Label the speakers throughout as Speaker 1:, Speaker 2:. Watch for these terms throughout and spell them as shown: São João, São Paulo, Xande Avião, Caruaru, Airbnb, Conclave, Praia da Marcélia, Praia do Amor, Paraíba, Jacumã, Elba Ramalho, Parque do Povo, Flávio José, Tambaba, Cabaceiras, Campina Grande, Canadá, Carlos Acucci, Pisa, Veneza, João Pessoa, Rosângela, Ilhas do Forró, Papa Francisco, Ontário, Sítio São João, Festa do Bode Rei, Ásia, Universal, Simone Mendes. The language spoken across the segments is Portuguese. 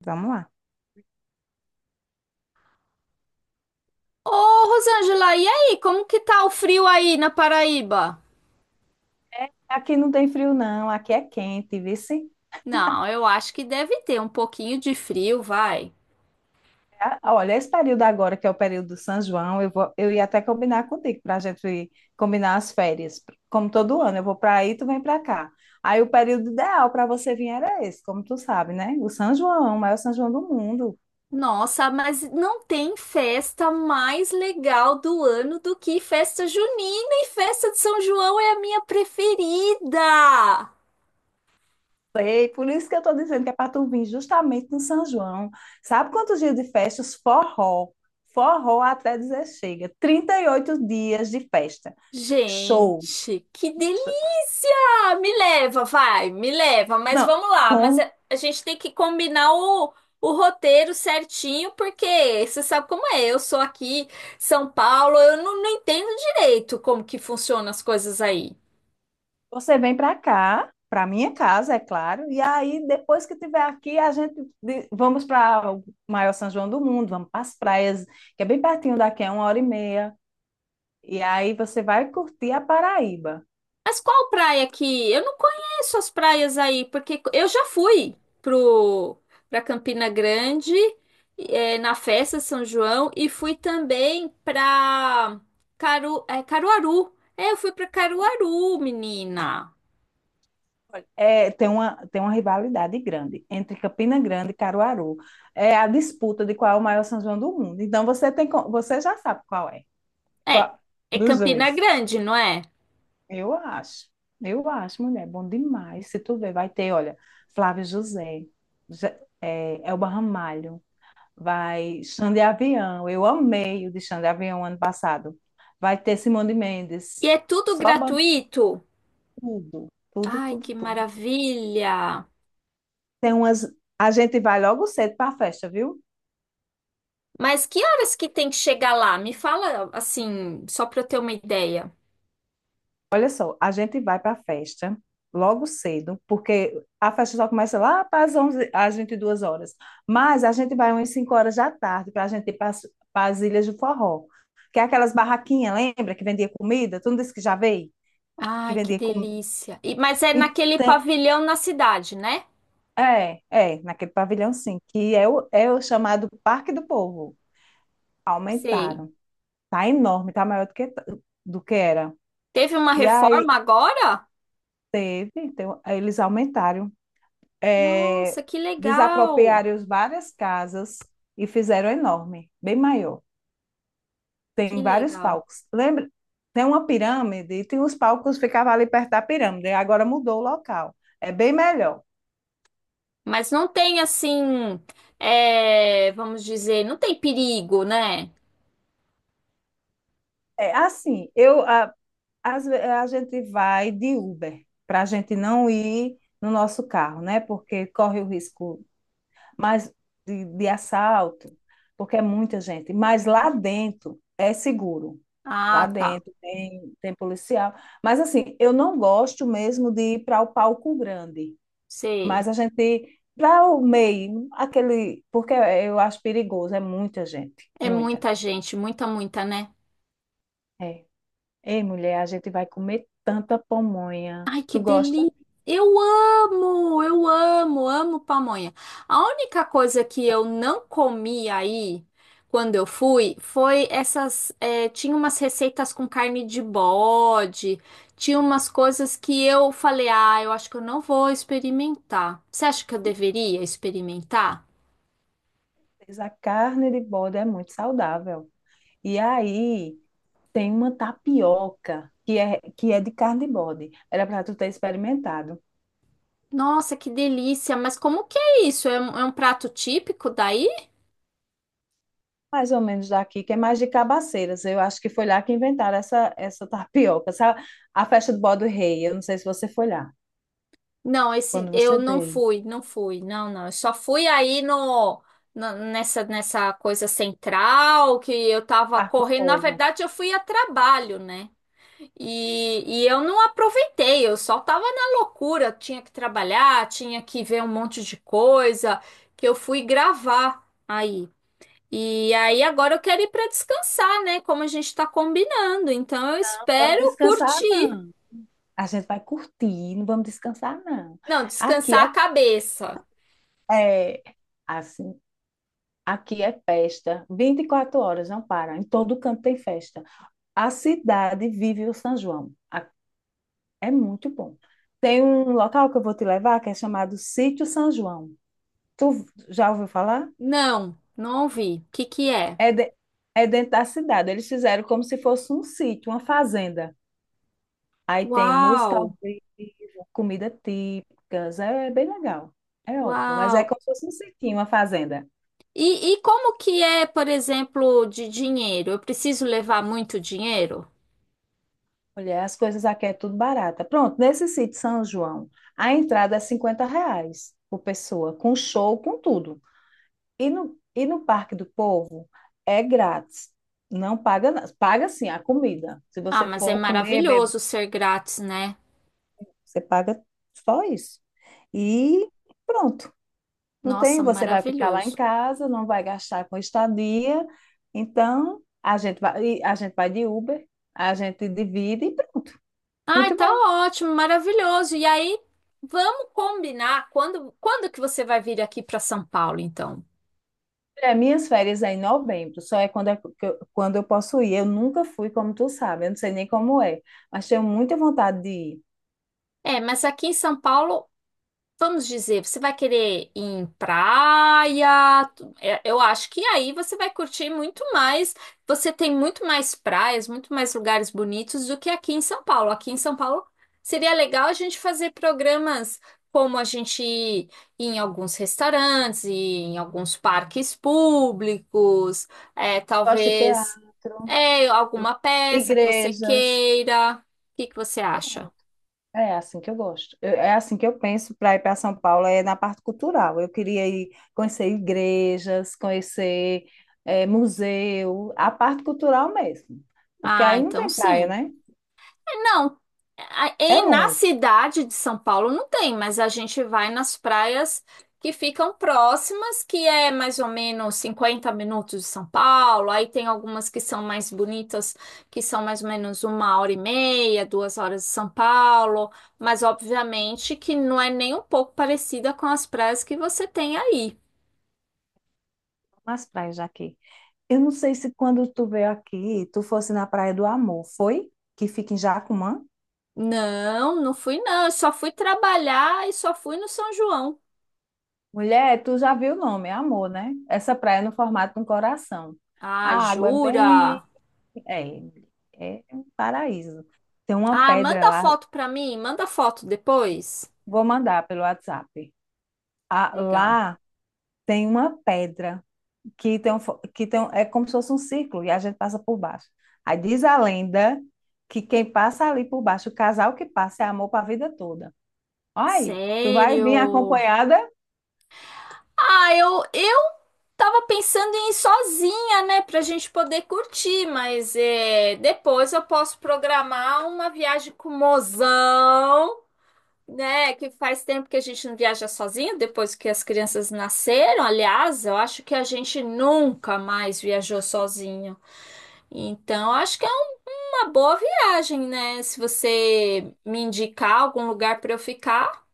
Speaker 1: Vamos lá.
Speaker 2: Ô, Rosângela, e aí, como que tá o frio aí na Paraíba?
Speaker 1: Aqui não tem frio, não. Aqui é quente, viu? Sim?
Speaker 2: Não, eu acho que deve ter um pouquinho de frio, vai.
Speaker 1: Ah, olha, esse período agora, que é o período do São João, eu ia até combinar contigo para a gente combinar as férias. Como todo ano, eu vou para aí, tu vem para cá. Aí o período ideal para você vir era esse, como tu sabe, né? O São João, o maior São João do mundo.
Speaker 2: Nossa, mas não tem festa mais legal do ano do que festa junina, e festa de São João é a minha preferida.
Speaker 1: Sei, por isso que eu estou dizendo que é para tu vir justamente no São João. Sabe quantos dias de festas? Forró. Forró até dizer chega. 38 dias de festa. Shows.
Speaker 2: Gente, que delícia! Me leva, vai, me leva, mas
Speaker 1: Não,
Speaker 2: vamos lá. Mas a
Speaker 1: com-
Speaker 2: a gente tem que combinar o roteiro certinho, porque você sabe como é. Eu sou aqui, São Paulo, eu não entendo direito como que funcionam as coisas aí.
Speaker 1: você vem para cá, para minha casa, é claro, e aí depois que tiver aqui, a gente vamos para o maior São João do mundo, vamos para as praias, que é bem pertinho daqui, é uma hora e meia, e aí você vai curtir a Paraíba.
Speaker 2: Mas qual praia que? Eu não conheço as praias aí, porque eu já fui pro para Campina Grande, na festa de São João, e fui também pra Caruaru. É, eu fui para Caruaru, menina.
Speaker 1: É, tem uma rivalidade grande entre Campina Grande e Caruaru. É a disputa de qual é o maior São João do mundo. Então você já sabe qual é,
Speaker 2: É,
Speaker 1: qual,
Speaker 2: é
Speaker 1: dos
Speaker 2: Campina
Speaker 1: dois.
Speaker 2: Grande, não é?
Speaker 1: Eu acho, eu acho, mulher, bom demais. Se tu ver, vai ter, olha, Flávio José, Je- Elba Ramalho, vai Xande Avião, eu amei o de Xande Avião ano passado. Vai ter Simone
Speaker 2: E
Speaker 1: Mendes,
Speaker 2: é tudo
Speaker 1: só bota
Speaker 2: gratuito.
Speaker 1: tudo, tudo,
Speaker 2: Ai,
Speaker 1: tudo,
Speaker 2: que
Speaker 1: tudo.
Speaker 2: maravilha!
Speaker 1: Tem umas, a gente vai logo cedo para a festa, viu?
Speaker 2: Mas que horas que tem que chegar lá? Me fala assim, só para eu ter uma ideia.
Speaker 1: Olha só, a gente vai para a festa logo cedo, porque a festa só começa lá para as 11, às 22 horas. Mas a gente vai umas 5 horas da tarde para a gente ir para as Ilhas do Forró, que é aquelas barraquinhas, lembra? Que vendia comida? Tu não disse que já veio? Que
Speaker 2: Ai, que
Speaker 1: vendia comida.
Speaker 2: delícia. Mas é naquele pavilhão na cidade, né?
Speaker 1: É, naquele pavilhão sim, que é o chamado Parque do Povo.
Speaker 2: Sei.
Speaker 1: Aumentaram. Tá enorme, tá maior do que era.
Speaker 2: Teve uma
Speaker 1: E aí
Speaker 2: reforma agora?
Speaker 1: teve, então, eles aumentaram. é,
Speaker 2: Nossa, que legal.
Speaker 1: desapropriaram as várias casas e fizeram enorme, bem maior.
Speaker 2: Que
Speaker 1: Tem vários
Speaker 2: legal.
Speaker 1: palcos. Lembra? Tem uma pirâmide e tem os palcos que ficavam ali perto da pirâmide. Agora mudou o local. É bem melhor.
Speaker 2: Mas não tem assim, é, vamos dizer, não tem perigo, né?
Speaker 1: É assim, a gente vai de Uber para a gente não ir no nosso carro, né? Porque corre o risco mas de assalto, porque é muita gente. Mas lá dentro é seguro. Lá
Speaker 2: Ah, tá.
Speaker 1: dentro tem policial. Mas assim, eu não gosto mesmo de ir para o palco grande.
Speaker 2: Sei.
Speaker 1: Mas a gente, para o meio, aquele. Porque eu acho perigoso, é muita gente.
Speaker 2: É
Speaker 1: Muita.
Speaker 2: muita gente, muita, muita, né?
Speaker 1: É. Ei, mulher, a gente vai comer tanta pamonha.
Speaker 2: Ai, que
Speaker 1: Tu gosta?
Speaker 2: delícia! Eu amo, amo pamonha. A única coisa que eu não comi aí, quando eu fui, foi essas. Tinha umas receitas com carne de bode, tinha umas coisas que eu falei, ah, eu acho que eu não vou experimentar. Você acha que eu deveria experimentar?
Speaker 1: Mas a carne de bode é muito saudável. E aí, tem uma tapioca que é de carne de bode. Era para tu ter experimentado.
Speaker 2: Nossa, que delícia! Mas como que é isso? É um prato típico daí?
Speaker 1: Mais ou menos daqui, que é mais de Cabaceiras. Eu acho que foi lá que inventaram essa tapioca. Sabe? A festa do Bode Rei, eu não sei se você foi lá,
Speaker 2: Não, esse
Speaker 1: quando
Speaker 2: eu
Speaker 1: você
Speaker 2: não
Speaker 1: veio.
Speaker 2: fui, não fui, não, não. Eu só fui aí no, nessa coisa central que eu tava
Speaker 1: Parque do
Speaker 2: correndo. Na
Speaker 1: Povo.
Speaker 2: verdade, eu fui a trabalho, né? E eu não aproveitei. Eu só tava na loucura. Tinha que trabalhar, tinha que ver um monte de coisa que eu fui gravar aí. E aí agora eu quero ir para descansar, né? Como a gente tá combinando. Então eu
Speaker 1: Não vamos
Speaker 2: espero
Speaker 1: descansar,
Speaker 2: curtir.
Speaker 1: não. A gente vai curtir, não vamos descansar, não.
Speaker 2: Não,
Speaker 1: Aqui
Speaker 2: descansar a
Speaker 1: é,
Speaker 2: cabeça.
Speaker 1: é assim, aqui é festa. 24 horas, não para. Em todo canto tem festa. A cidade vive o São João. É muito bom. Tem um local que eu vou te levar que é chamado Sítio São João. Tu já ouviu falar?
Speaker 2: Não, não ouvi. O que que é?
Speaker 1: É, é dentro da cidade. Eles fizeram como se fosse um sítio, uma fazenda. Aí tem música ao
Speaker 2: Uau,
Speaker 1: vivo, comida típicas. É bem legal. É ótimo. Mas é
Speaker 2: uau.
Speaker 1: como se fosse um sítio, uma fazenda.
Speaker 2: E como que é, por exemplo, de dinheiro? Eu preciso levar muito dinheiro?
Speaker 1: Olha, as coisas aqui é tudo barata. Pronto, nesse sítio São João, a entrada é R$ 50 por pessoa, com show, com tudo. E no Parque do Povo é grátis. Não paga, nada paga sim a comida. Se
Speaker 2: Ah,
Speaker 1: você
Speaker 2: mas é
Speaker 1: for comer, beber,
Speaker 2: maravilhoso ser grátis, né?
Speaker 1: você paga só isso. E pronto. Não tem,
Speaker 2: Nossa,
Speaker 1: você vai ficar lá em
Speaker 2: maravilhoso.
Speaker 1: casa, não vai gastar com estadia. Então, a gente vai de Uber, a gente divide e pronto.
Speaker 2: Ai,
Speaker 1: Muito
Speaker 2: tá
Speaker 1: bom.
Speaker 2: ótimo, maravilhoso. E aí, vamos combinar quando, quando que você vai vir aqui para São Paulo, então?
Speaker 1: É, minhas férias é em novembro, só é quando, quando eu posso ir. Eu nunca fui, como tu sabe, eu não sei nem como é, mas tenho muita vontade de ir.
Speaker 2: É, mas aqui em São Paulo, vamos dizer, você vai querer ir em praia? Eu acho que aí você vai curtir muito mais. Você tem muito mais praias, muito mais lugares bonitos do que aqui em São Paulo. Aqui em São Paulo seria legal a gente fazer programas, como a gente ir em alguns restaurantes, ir em alguns parques públicos, é,
Speaker 1: Gosto de
Speaker 2: talvez
Speaker 1: teatro.
Speaker 2: é,
Speaker 1: Eu-
Speaker 2: alguma peça que você
Speaker 1: Igrejas.
Speaker 2: queira. O que que você acha?
Speaker 1: Pronto. É assim que eu gosto. É assim que eu penso para ir para São Paulo, é na parte cultural. Eu queria ir conhecer igrejas, conhecer museu, a parte cultural mesmo. Porque
Speaker 2: Ah,
Speaker 1: aí não
Speaker 2: então
Speaker 1: tem praia,
Speaker 2: sim.
Speaker 1: né?
Speaker 2: Não,
Speaker 1: É
Speaker 2: na
Speaker 1: longe,
Speaker 2: cidade de São Paulo não tem, mas a gente vai nas praias que ficam próximas, que é mais ou menos 50 minutos de São Paulo. Aí tem algumas que são mais bonitas, que são mais ou menos 1 hora e meia, 2 horas de São Paulo. Mas obviamente que não é nem um pouco parecida com as praias que você tem aí.
Speaker 1: umas praias daqui. Eu não sei se quando tu veio aqui, tu fosse na Praia do Amor, foi? Que fica em Jacumã?
Speaker 2: Não, não fui, não. Eu só fui trabalhar, e só fui no São João.
Speaker 1: Mulher, tu já viu o nome, é Amor, né? Essa praia é no formato de um coração. A
Speaker 2: Ah,
Speaker 1: água é bem.
Speaker 2: jura?
Speaker 1: É, é um paraíso. Tem uma
Speaker 2: Ah,
Speaker 1: pedra
Speaker 2: manda
Speaker 1: lá,
Speaker 2: foto pra mim, manda foto depois.
Speaker 1: vou mandar pelo WhatsApp. Ah,
Speaker 2: Legal.
Speaker 1: lá tem uma pedra que tem um fo- que tem um- é como se fosse um círculo e a gente passa por baixo. Aí diz a lenda que quem passa ali por baixo, o casal que passa é amor para a vida toda. Olha aí, tu vai vir
Speaker 2: Sério?
Speaker 1: acompanhada?
Speaker 2: Ah, eu tava pensando em ir sozinha, né, pra gente poder curtir, mas é, depois eu posso programar uma viagem com o mozão, né, que faz tempo que a gente não viaja sozinho, depois que as crianças nasceram. Aliás, eu acho que a gente nunca mais viajou sozinho. Então, acho que uma boa viagem, né? Se você me indicar algum lugar para eu ficar.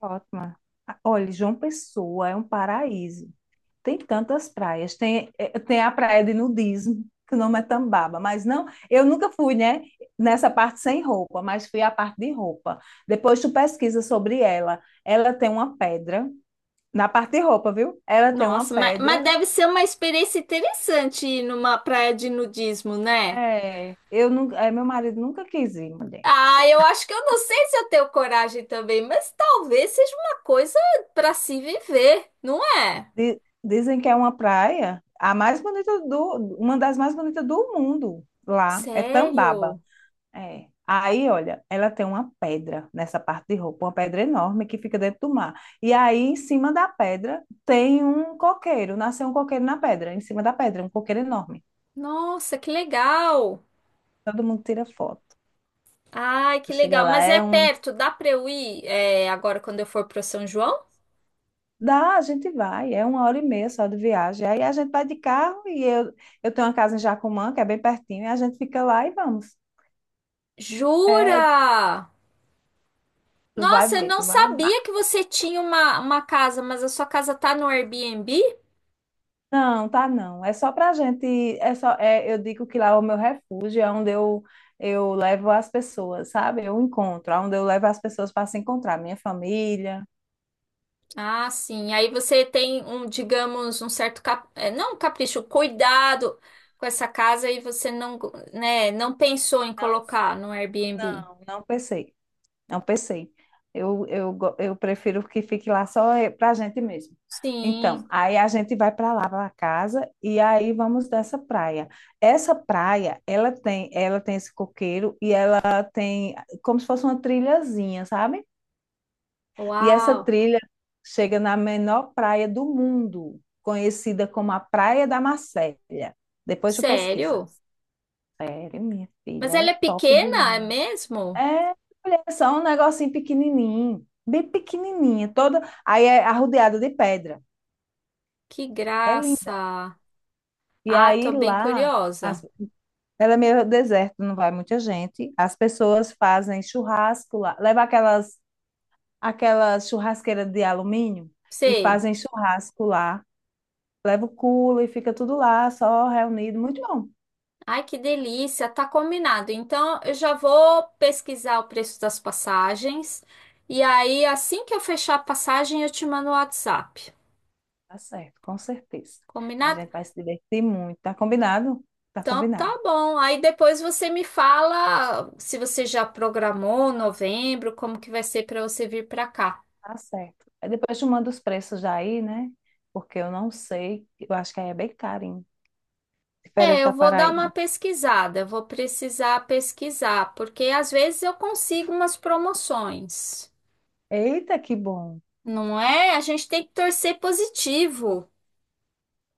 Speaker 1: Ótima. Ah, olha, João Pessoa é um paraíso. Tem tantas praias. Tem a praia de nudismo, que o nome é Tambaba, mas não, eu nunca fui, né, nessa parte sem roupa, mas fui à parte de roupa. Depois tu pesquisa sobre ela. Ela tem uma pedra, na parte de roupa, viu? Ela tem uma
Speaker 2: Nossa, mas
Speaker 1: pedra.
Speaker 2: deve ser uma experiência interessante ir numa praia de nudismo, né?
Speaker 1: É, meu marido nunca quis ir, mulher.
Speaker 2: Ah, eu acho que eu não sei se eu tenho coragem também, mas talvez seja uma coisa para se viver, não é?
Speaker 1: Dizem que é uma praia, a mais bonita do, uma das mais bonitas do mundo lá, é Tambaba.
Speaker 2: Sério?
Speaker 1: É. Aí, olha, ela tem uma pedra nessa parte de roupa, uma pedra enorme que fica dentro do mar. E aí, em cima da pedra, tem um coqueiro. Nasceu um coqueiro na pedra, em cima da pedra, um coqueiro enorme.
Speaker 2: Nossa, que legal!
Speaker 1: Todo mundo tira foto.
Speaker 2: Ai, que
Speaker 1: Chega
Speaker 2: legal!
Speaker 1: lá,
Speaker 2: Mas é
Speaker 1: é um.
Speaker 2: perto, dá para eu ir, é, agora quando eu for para São João?
Speaker 1: Dá, a gente vai, é uma hora e meia só de viagem. Aí a gente vai de carro e eu tenho uma casa em Jacumã, que é bem pertinho, e a gente fica lá e vamos. É,
Speaker 2: Jura?
Speaker 1: tu vai
Speaker 2: Nossa, eu
Speaker 1: ver,
Speaker 2: não
Speaker 1: tu vai amar.
Speaker 2: sabia que você tinha uma casa, mas a sua casa tá no Airbnb?
Speaker 1: Não, tá não. É só pra gente, eu digo que lá é o meu refúgio, é onde eu levo as pessoas, sabe? Eu encontro, é onde eu levo as pessoas para se encontrar, minha família.
Speaker 2: Ah, sim. Aí você tem um, digamos, um certo é, não, um capricho, cuidado com essa casa e você não, né, não pensou em
Speaker 1: Não,
Speaker 2: colocar no Airbnb.
Speaker 1: não, não pensei, não pensei. Eu prefiro que fique lá só pra gente mesmo. Então,
Speaker 2: Sim.
Speaker 1: aí a gente vai para lá, para casa, e aí vamos dessa praia. Essa praia, ela tem esse coqueiro e ela tem como se fosse uma trilhazinha, sabe? E essa
Speaker 2: Uau.
Speaker 1: trilha chega na menor praia do mundo, conhecida como a Praia da Marcélia. Depois tu pesquisa.
Speaker 2: Sério?
Speaker 1: Sério, minha filha,
Speaker 2: Mas
Speaker 1: é
Speaker 2: ela é
Speaker 1: top de
Speaker 2: pequena,
Speaker 1: linha
Speaker 2: é
Speaker 1: lá.
Speaker 2: mesmo?
Speaker 1: É, mulher, é só um negocinho pequenininho, bem pequenininha, toda, aí é arrodeada de pedra.
Speaker 2: Que
Speaker 1: É linda.
Speaker 2: graça.
Speaker 1: E
Speaker 2: Ah,
Speaker 1: aí
Speaker 2: tô bem
Speaker 1: lá, as-
Speaker 2: curiosa.
Speaker 1: ela é meio deserto, não vai muita gente. As pessoas fazem churrasco lá, leva aquelas churrasqueira de alumínio e
Speaker 2: Sei.
Speaker 1: fazem churrasco lá. Leva o culo e fica tudo lá, só reunido. Muito bom.
Speaker 2: Ai, que delícia, tá combinado. Então, eu já vou pesquisar o preço das passagens, e aí assim que eu fechar a passagem eu te mando o WhatsApp.
Speaker 1: Tá certo, com certeza. A
Speaker 2: Combinado?
Speaker 1: gente vai se divertir muito. Tá combinado? Tá
Speaker 2: Então, tá
Speaker 1: combinado.
Speaker 2: bom. Aí depois você me fala se você já programou novembro, como que vai ser para você vir para cá.
Speaker 1: Tá certo. Aí depois tu manda os preços já aí, né? Porque eu não sei. Eu acho que aí é bem carinho.
Speaker 2: É,
Speaker 1: Diferente
Speaker 2: eu
Speaker 1: da
Speaker 2: vou dar
Speaker 1: Paraíba.
Speaker 2: uma pesquisada, eu vou precisar pesquisar, porque às vezes eu consigo umas promoções.
Speaker 1: Eita, que bom.
Speaker 2: Não é? A gente tem que torcer positivo,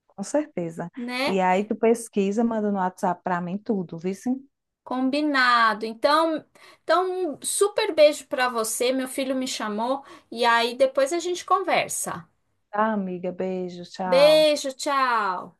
Speaker 1: Com certeza.
Speaker 2: né?
Speaker 1: E aí tu pesquisa, manda no WhatsApp pra mim tudo, viu? Sim?
Speaker 2: Combinado. Então, um super beijo para você. Meu filho me chamou, e aí depois a gente conversa.
Speaker 1: Tá, amiga. Beijo, tchau.
Speaker 2: Beijo, tchau.